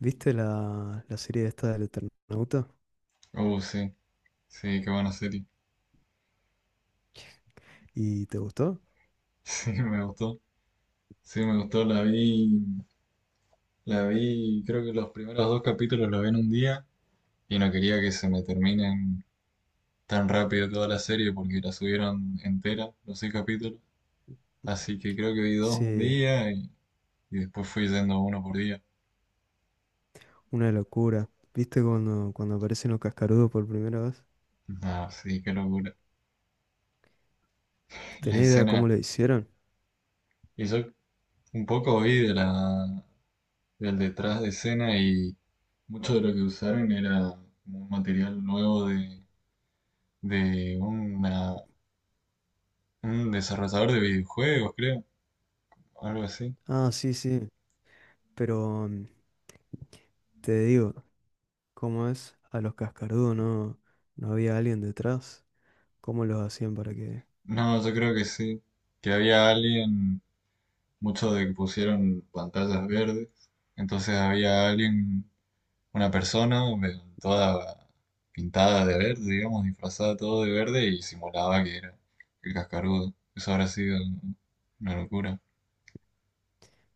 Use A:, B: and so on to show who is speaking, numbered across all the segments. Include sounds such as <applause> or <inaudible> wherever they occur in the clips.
A: ¿Viste la serie esta del Eternauta?
B: Oh, sí, sí, qué buena serie.
A: ¿Y te gustó?
B: <laughs> Sí, me gustó. Sí, me gustó. La vi, creo que los primeros dos capítulos los vi en un día y no quería que se me terminen tan rápido toda la serie porque la subieron entera, los seis capítulos. Así que creo que vi dos un
A: Sí,
B: día y después fui yendo uno por día.
A: una locura. ¿Viste cuando aparecen los cascarudos por primera vez?
B: Ah, sí, qué locura. <laughs> La
A: ¿Tenés idea cómo
B: escena,
A: lo hicieron?
B: y yo un poco vi del detrás de escena y mucho de lo que usaron era como un material nuevo de un desarrollador de videojuegos, creo, algo así.
A: Ah, sí, sí. Pero te digo, ¿cómo es? A los cascarudos no, no había alguien detrás. ¿Cómo los hacían para que...?
B: No, yo creo que sí, que había alguien, mucho de que pusieron pantallas verdes, entonces había alguien, una persona toda pintada de verde, digamos, disfrazada todo de verde y simulaba que era el cascarudo. Eso habrá sido una locura.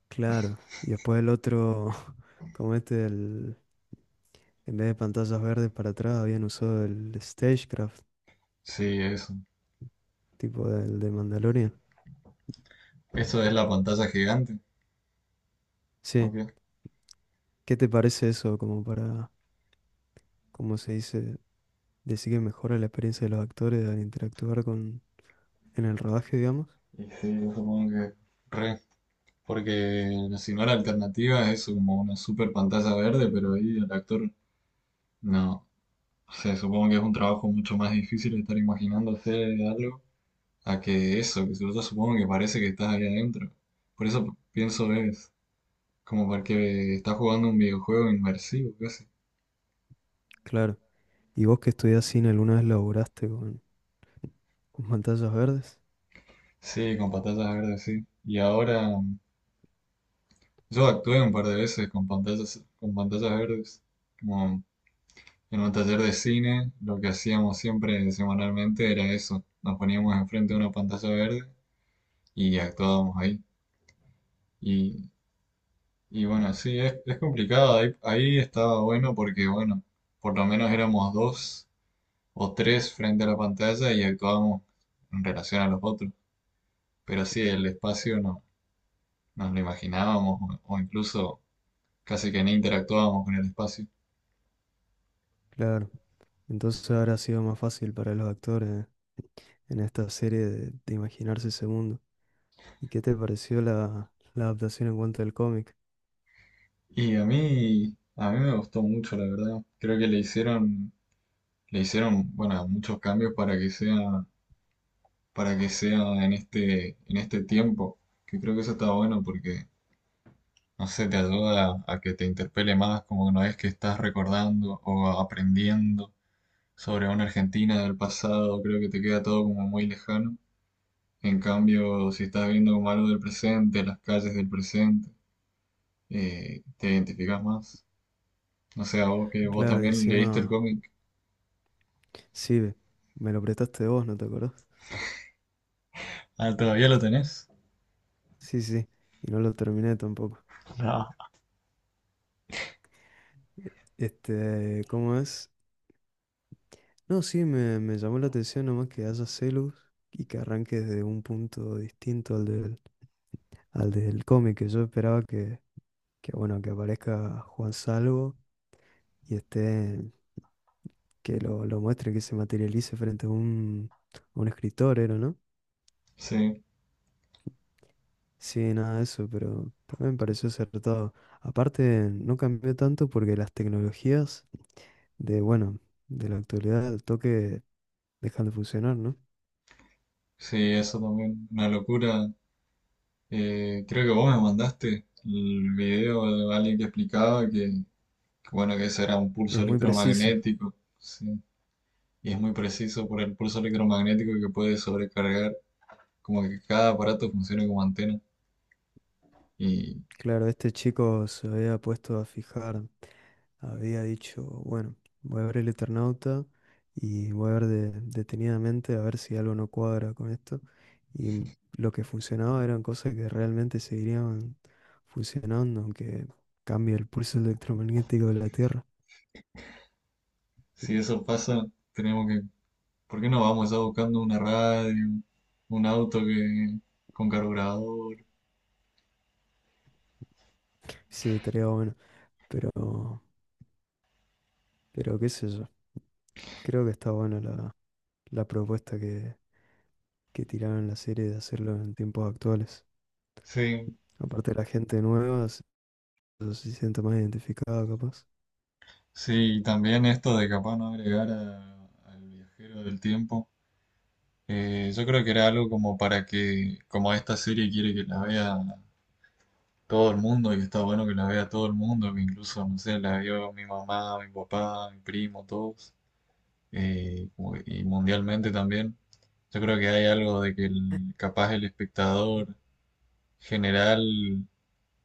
A: Claro. Y después el otro, <laughs> como este, el... en vez de pantallas verdes para atrás, habían usado el Stagecraft,
B: Sí, eso.
A: tipo del de Mandalorian.
B: Eso es la pantalla gigante.
A: Sí.
B: Ok.
A: ¿Qué te parece eso como para, cómo se dice, decir que mejora la experiencia de los actores al interactuar con... en el rodaje, digamos?
B: Y sí, yo supongo que re. Porque si no la alternativa es como una super pantalla verde, pero ahí el actor no. O sea, supongo que es un trabajo mucho más difícil estar imaginándose algo a que eso, que si yo supongo que parece que estás ahí adentro. Por eso pienso es como porque estás jugando un videojuego inmersivo casi.
A: Claro. ¿Y vos que estudiás cine alguna vez laburaste con pantallas verdes?
B: Sí, con pantallas verdes, sí. Y ahora yo actué un par de veces con pantallas verdes. Como en un taller de cine, lo que hacíamos siempre semanalmente era eso. Nos poníamos enfrente de una pantalla verde y actuábamos ahí. Y, y bueno, sí, es complicado. Ahí estaba bueno porque, bueno, por lo menos éramos dos o tres frente a la pantalla y actuábamos en relación a los otros. Pero sí, el espacio no nos lo imaginábamos o incluso casi que ni interactuábamos con el espacio.
A: Claro. Entonces habrá sido más fácil para los actores en esta serie de imaginarse ese mundo. ¿Y qué te pareció la adaptación en cuanto al cómic?
B: Y a mí me gustó mucho, la verdad. Creo que le hicieron, bueno, muchos cambios para que sea en este tiempo, que creo que eso está bueno porque, no sé, te ayuda a que te interpele más, como que no es que estás recordando o aprendiendo sobre una Argentina del pasado, creo que te queda todo como muy lejano. En cambio, si estás viendo como algo del presente, las calles del presente, te identificas más. No sé, a vos que vos
A: Claro, y
B: también leíste el
A: encima,
B: cómic.
A: sí, ve, me lo prestaste vos, ¿no te acordás?
B: Ah, ¿todavía lo tenés?
A: Sí, sí, y no lo terminé tampoco.
B: No,
A: E- Este, ¿cómo es? No, sí, me llamó la atención nomás que haya Celus y que arranque desde un punto distinto al del cómic, que yo esperaba que, bueno, que aparezca Juan Salvo y este, lo muestre, que se materialice frente a a un escritor, ¿era, no?
B: sí.
A: Sí, nada de eso, pero también me pareció acertado. Aparte, no cambió tanto porque las tecnologías de, bueno, de la actualidad al toque dejan de funcionar, ¿no?
B: Sí, eso también, una locura. Creo que vos me mandaste el video de alguien que explicaba bueno, que ese era un pulso
A: Es muy preciso.
B: electromagnético, sí. Y es muy preciso por el pulso electromagnético que puede sobrecargar, como que cada aparato funcione como antena. Y
A: Claro, este chico se había puesto a fijar, había dicho, bueno, voy a ver el Eternauta y voy a ver detenidamente a ver si algo no cuadra con esto. Y lo que funcionaba eran cosas que realmente seguirían funcionando, aunque cambie el pulso electromagnético de la Tierra.
B: si eso pasa, tenemos que, ¿por qué no vamos a buscando una radio, un auto que, con carburador?
A: Sí, estaría bueno, pero, pero qué sé yo. Creo que está buena la propuesta que tiraron en la serie de hacerlo en tiempos actuales.
B: Sí,
A: Aparte la gente nueva se siente más identificada, capaz.
B: sí, y también esto de capaz no agregar al viajero del tiempo. Yo creo que era algo como para que, como esta serie quiere que la vea todo el mundo y que está bueno que la vea todo el mundo, que incluso, no sé, la vio mi mamá, mi papá, mi primo, todos, y mundialmente también. Yo creo que hay algo de que el, capaz el espectador general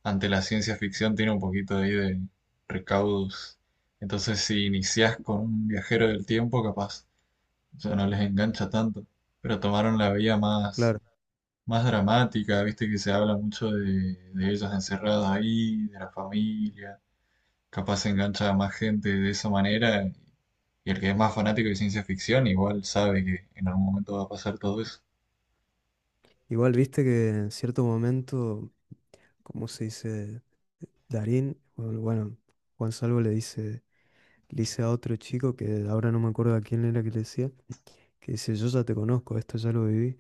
B: ante la ciencia ficción tiene un poquito ahí de recaudos. Entonces, si iniciás con un viajero del tiempo, capaz, o sea no les engancha tanto, pero tomaron la vía más
A: Claro.
B: más dramática, viste que se habla mucho de ellas encerradas ahí, de la familia, capaz se engancha a más gente de esa manera, y el que es más fanático de ciencia ficción igual sabe que en algún momento va a pasar todo eso.
A: Igual viste que en cierto momento, como se dice, Darín, bueno, bueno, Juan Salvo le dice a otro chico que ahora no me acuerdo a quién era que le decía, que dice, yo ya te conozco, esto ya lo viví.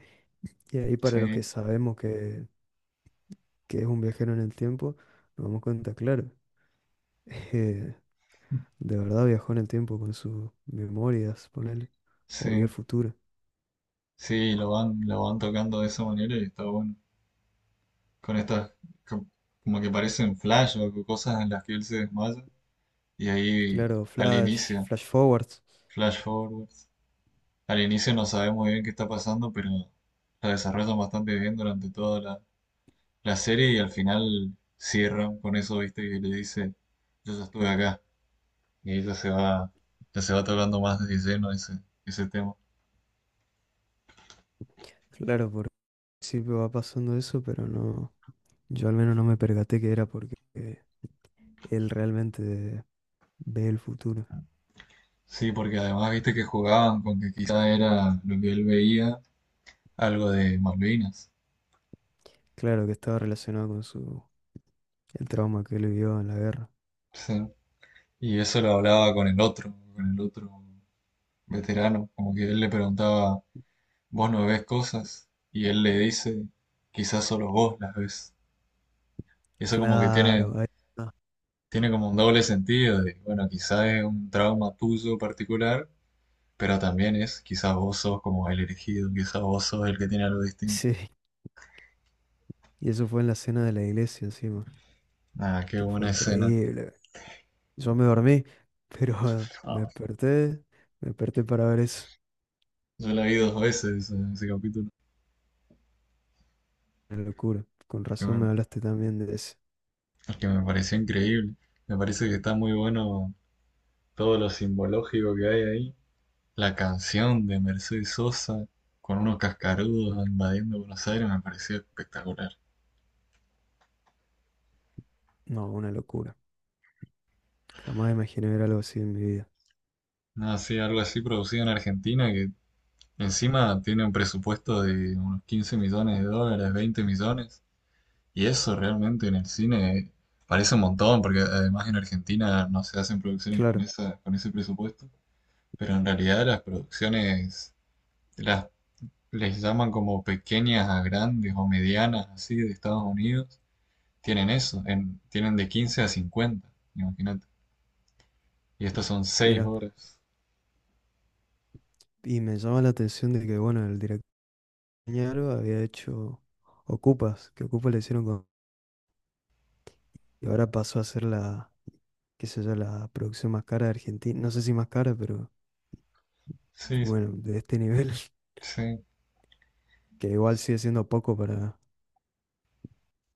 A: Y ahí para los que
B: Sí,
A: sabemos que es un viajero en el tiempo, nos damos cuenta, claro, <laughs> eh, de verdad viajó en el tiempo con sus memorias, ponele, o vio el
B: sí,
A: futuro.
B: sí, lo van tocando de esa manera y está bueno, con estas co- como que parecen flash o cosas en las que él se desmaya, y ahí
A: Claro,
B: al
A: flash,
B: inicio,
A: flash forwards.
B: flash forward. Al inicio no sabes muy bien qué está pasando, pero la desarrollan bastante bien durante toda la serie y al final cierran con eso, viste, que le dice, yo ya estuve acá. Y ahí ya se va, tocando más de lleno ese tema.
A: Claro, por principio va pasando eso, pero no, yo al menos no me percaté que era porque él realmente ve el futuro.
B: Sí, porque además viste que jugaban con que quizá era lo que él veía, algo de Malvinas.
A: Claro que estaba relacionado con su el trauma que él vivió en la guerra.
B: Sí. Y eso lo hablaba con el otro veterano, como que él le preguntaba, ¿vos no ves cosas? Y él le dice, quizás solo vos las ves. Y eso como que
A: Claro,
B: tiene,
A: ahí está.
B: tiene como un doble sentido de, bueno, quizás es un trauma tuyo particular, pero también es, quizás vos sos como el elegido, quizás vos sos el que tiene algo distinto.
A: <laughs> Sí, y eso fue en la cena de la iglesia encima,
B: Ah, qué
A: que fue
B: buena escena.
A: increíble. Yo me dormí, pero <laughs>
B: Ah,
A: me desperté para ver eso.
B: yo la vi dos veces ese capítulo.
A: Una locura. Con
B: Es que
A: razón me
B: me,
A: hablaste también de eso.
B: es que me pareció increíble. Me parece que está muy bueno todo lo simbológico que hay ahí. La canción de Mercedes Sosa con unos cascarudos invadiendo Buenos Aires me pareció espectacular.
A: No, una locura. Jamás imaginé ver algo así en mi vida.
B: No, sí, algo así producido en Argentina que encima tiene un presupuesto de unos 15 millones de dólares, 20 millones, y eso realmente en el cine parece un montón, porque además en Argentina no se hacen producciones con
A: Claro,
B: esa, con ese presupuesto, pero en realidad las producciones las, les llaman como pequeñas a grandes o medianas, así, de Estados Unidos, tienen eso, tienen de 15 a 50, imagínate, y estas son 6
A: mira,
B: horas.
A: y me llama la atención de que, bueno, el director Ñaro había hecho Ocupas, que Ocupas le hicieron con... Y ahora pasó a ser qué sé yo, la producción más cara de Argentina. No sé si más cara, pero
B: Sí,
A: bueno, de este nivel, <laughs>
B: sí,
A: que igual sigue siendo poco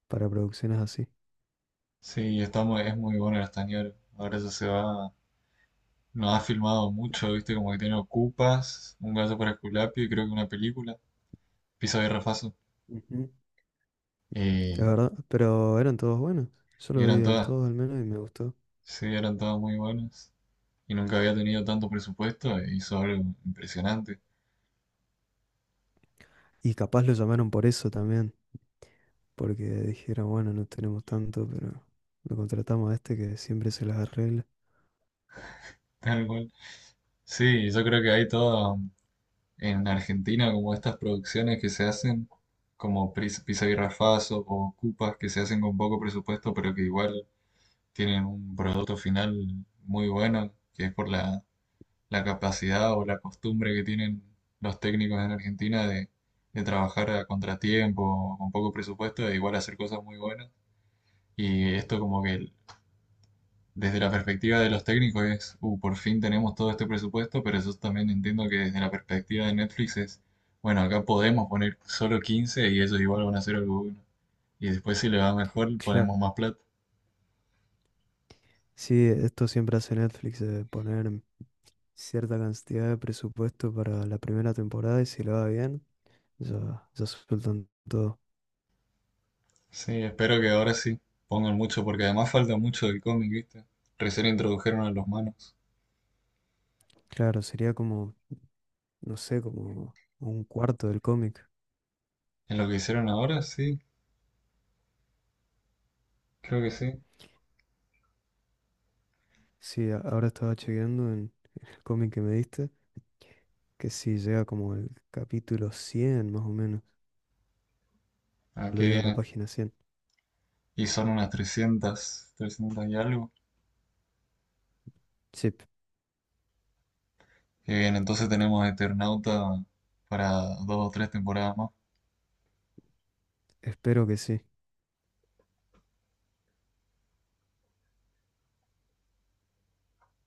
A: para producciones así.
B: sí, está es muy bueno el Castañero, ahora ya se va. No ha filmado mucho, viste, como que tiene Ocupas, Un gato para Esculapio y creo que una película, Pisa y Rafazo.
A: Ujú. La
B: Eh,
A: verdad, pero eran todos buenos. Yo
B: y
A: lo
B: eran
A: vi al
B: todas,
A: todos al menos y me gustó.
B: sí, eran todas muy buenas. Y nunca había tenido tanto presupuesto e hizo algo impresionante,
A: Y capaz lo llamaron por eso también, porque dijeron, bueno, no tenemos tanto, pero lo contratamos a este que siempre se las arregla.
B: <laughs> tal cual. Sí, yo creo que hay todo en Argentina, como estas producciones que se hacen, como Pisa y Rafazo o Ocupas, que se hacen con poco presupuesto, pero que igual tienen un producto final muy bueno, que es por la capacidad o la costumbre que tienen los técnicos en Argentina de trabajar a contratiempo, con poco presupuesto, e igual hacer cosas muy buenas. Y esto como que desde la perspectiva de los técnicos es, Por fin tenemos todo este presupuesto, pero yo también entiendo que desde la perspectiva de Netflix es, bueno, acá podemos poner solo 15 y ellos igual van a hacer algo bueno. Y después si le va mejor
A: Claro.
B: ponemos más plata.
A: Sí, esto siempre hace Netflix, de poner cierta cantidad de presupuesto para la primera temporada y si lo va bien, ya, ya sueltan todo.
B: Sí, espero que ahora sí pongan mucho, porque además falta mucho del cómic, ¿viste? Recién introdujeron a los manos.
A: Claro, sería como, no sé, como un cuarto del cómic.
B: En lo que hicieron ahora, sí, creo que sí.
A: Sí, ahora estaba chequeando en el cómic que me diste, que sí, llega como el capítulo 100 más o menos.
B: Ah,
A: Lo
B: qué
A: digo a la
B: bien.
A: página 100.
B: Y son unas 300, 300 y algo.
A: Sí,
B: Qué bien, entonces tenemos Eternauta para dos o tres temporadas más.
A: espero que sí.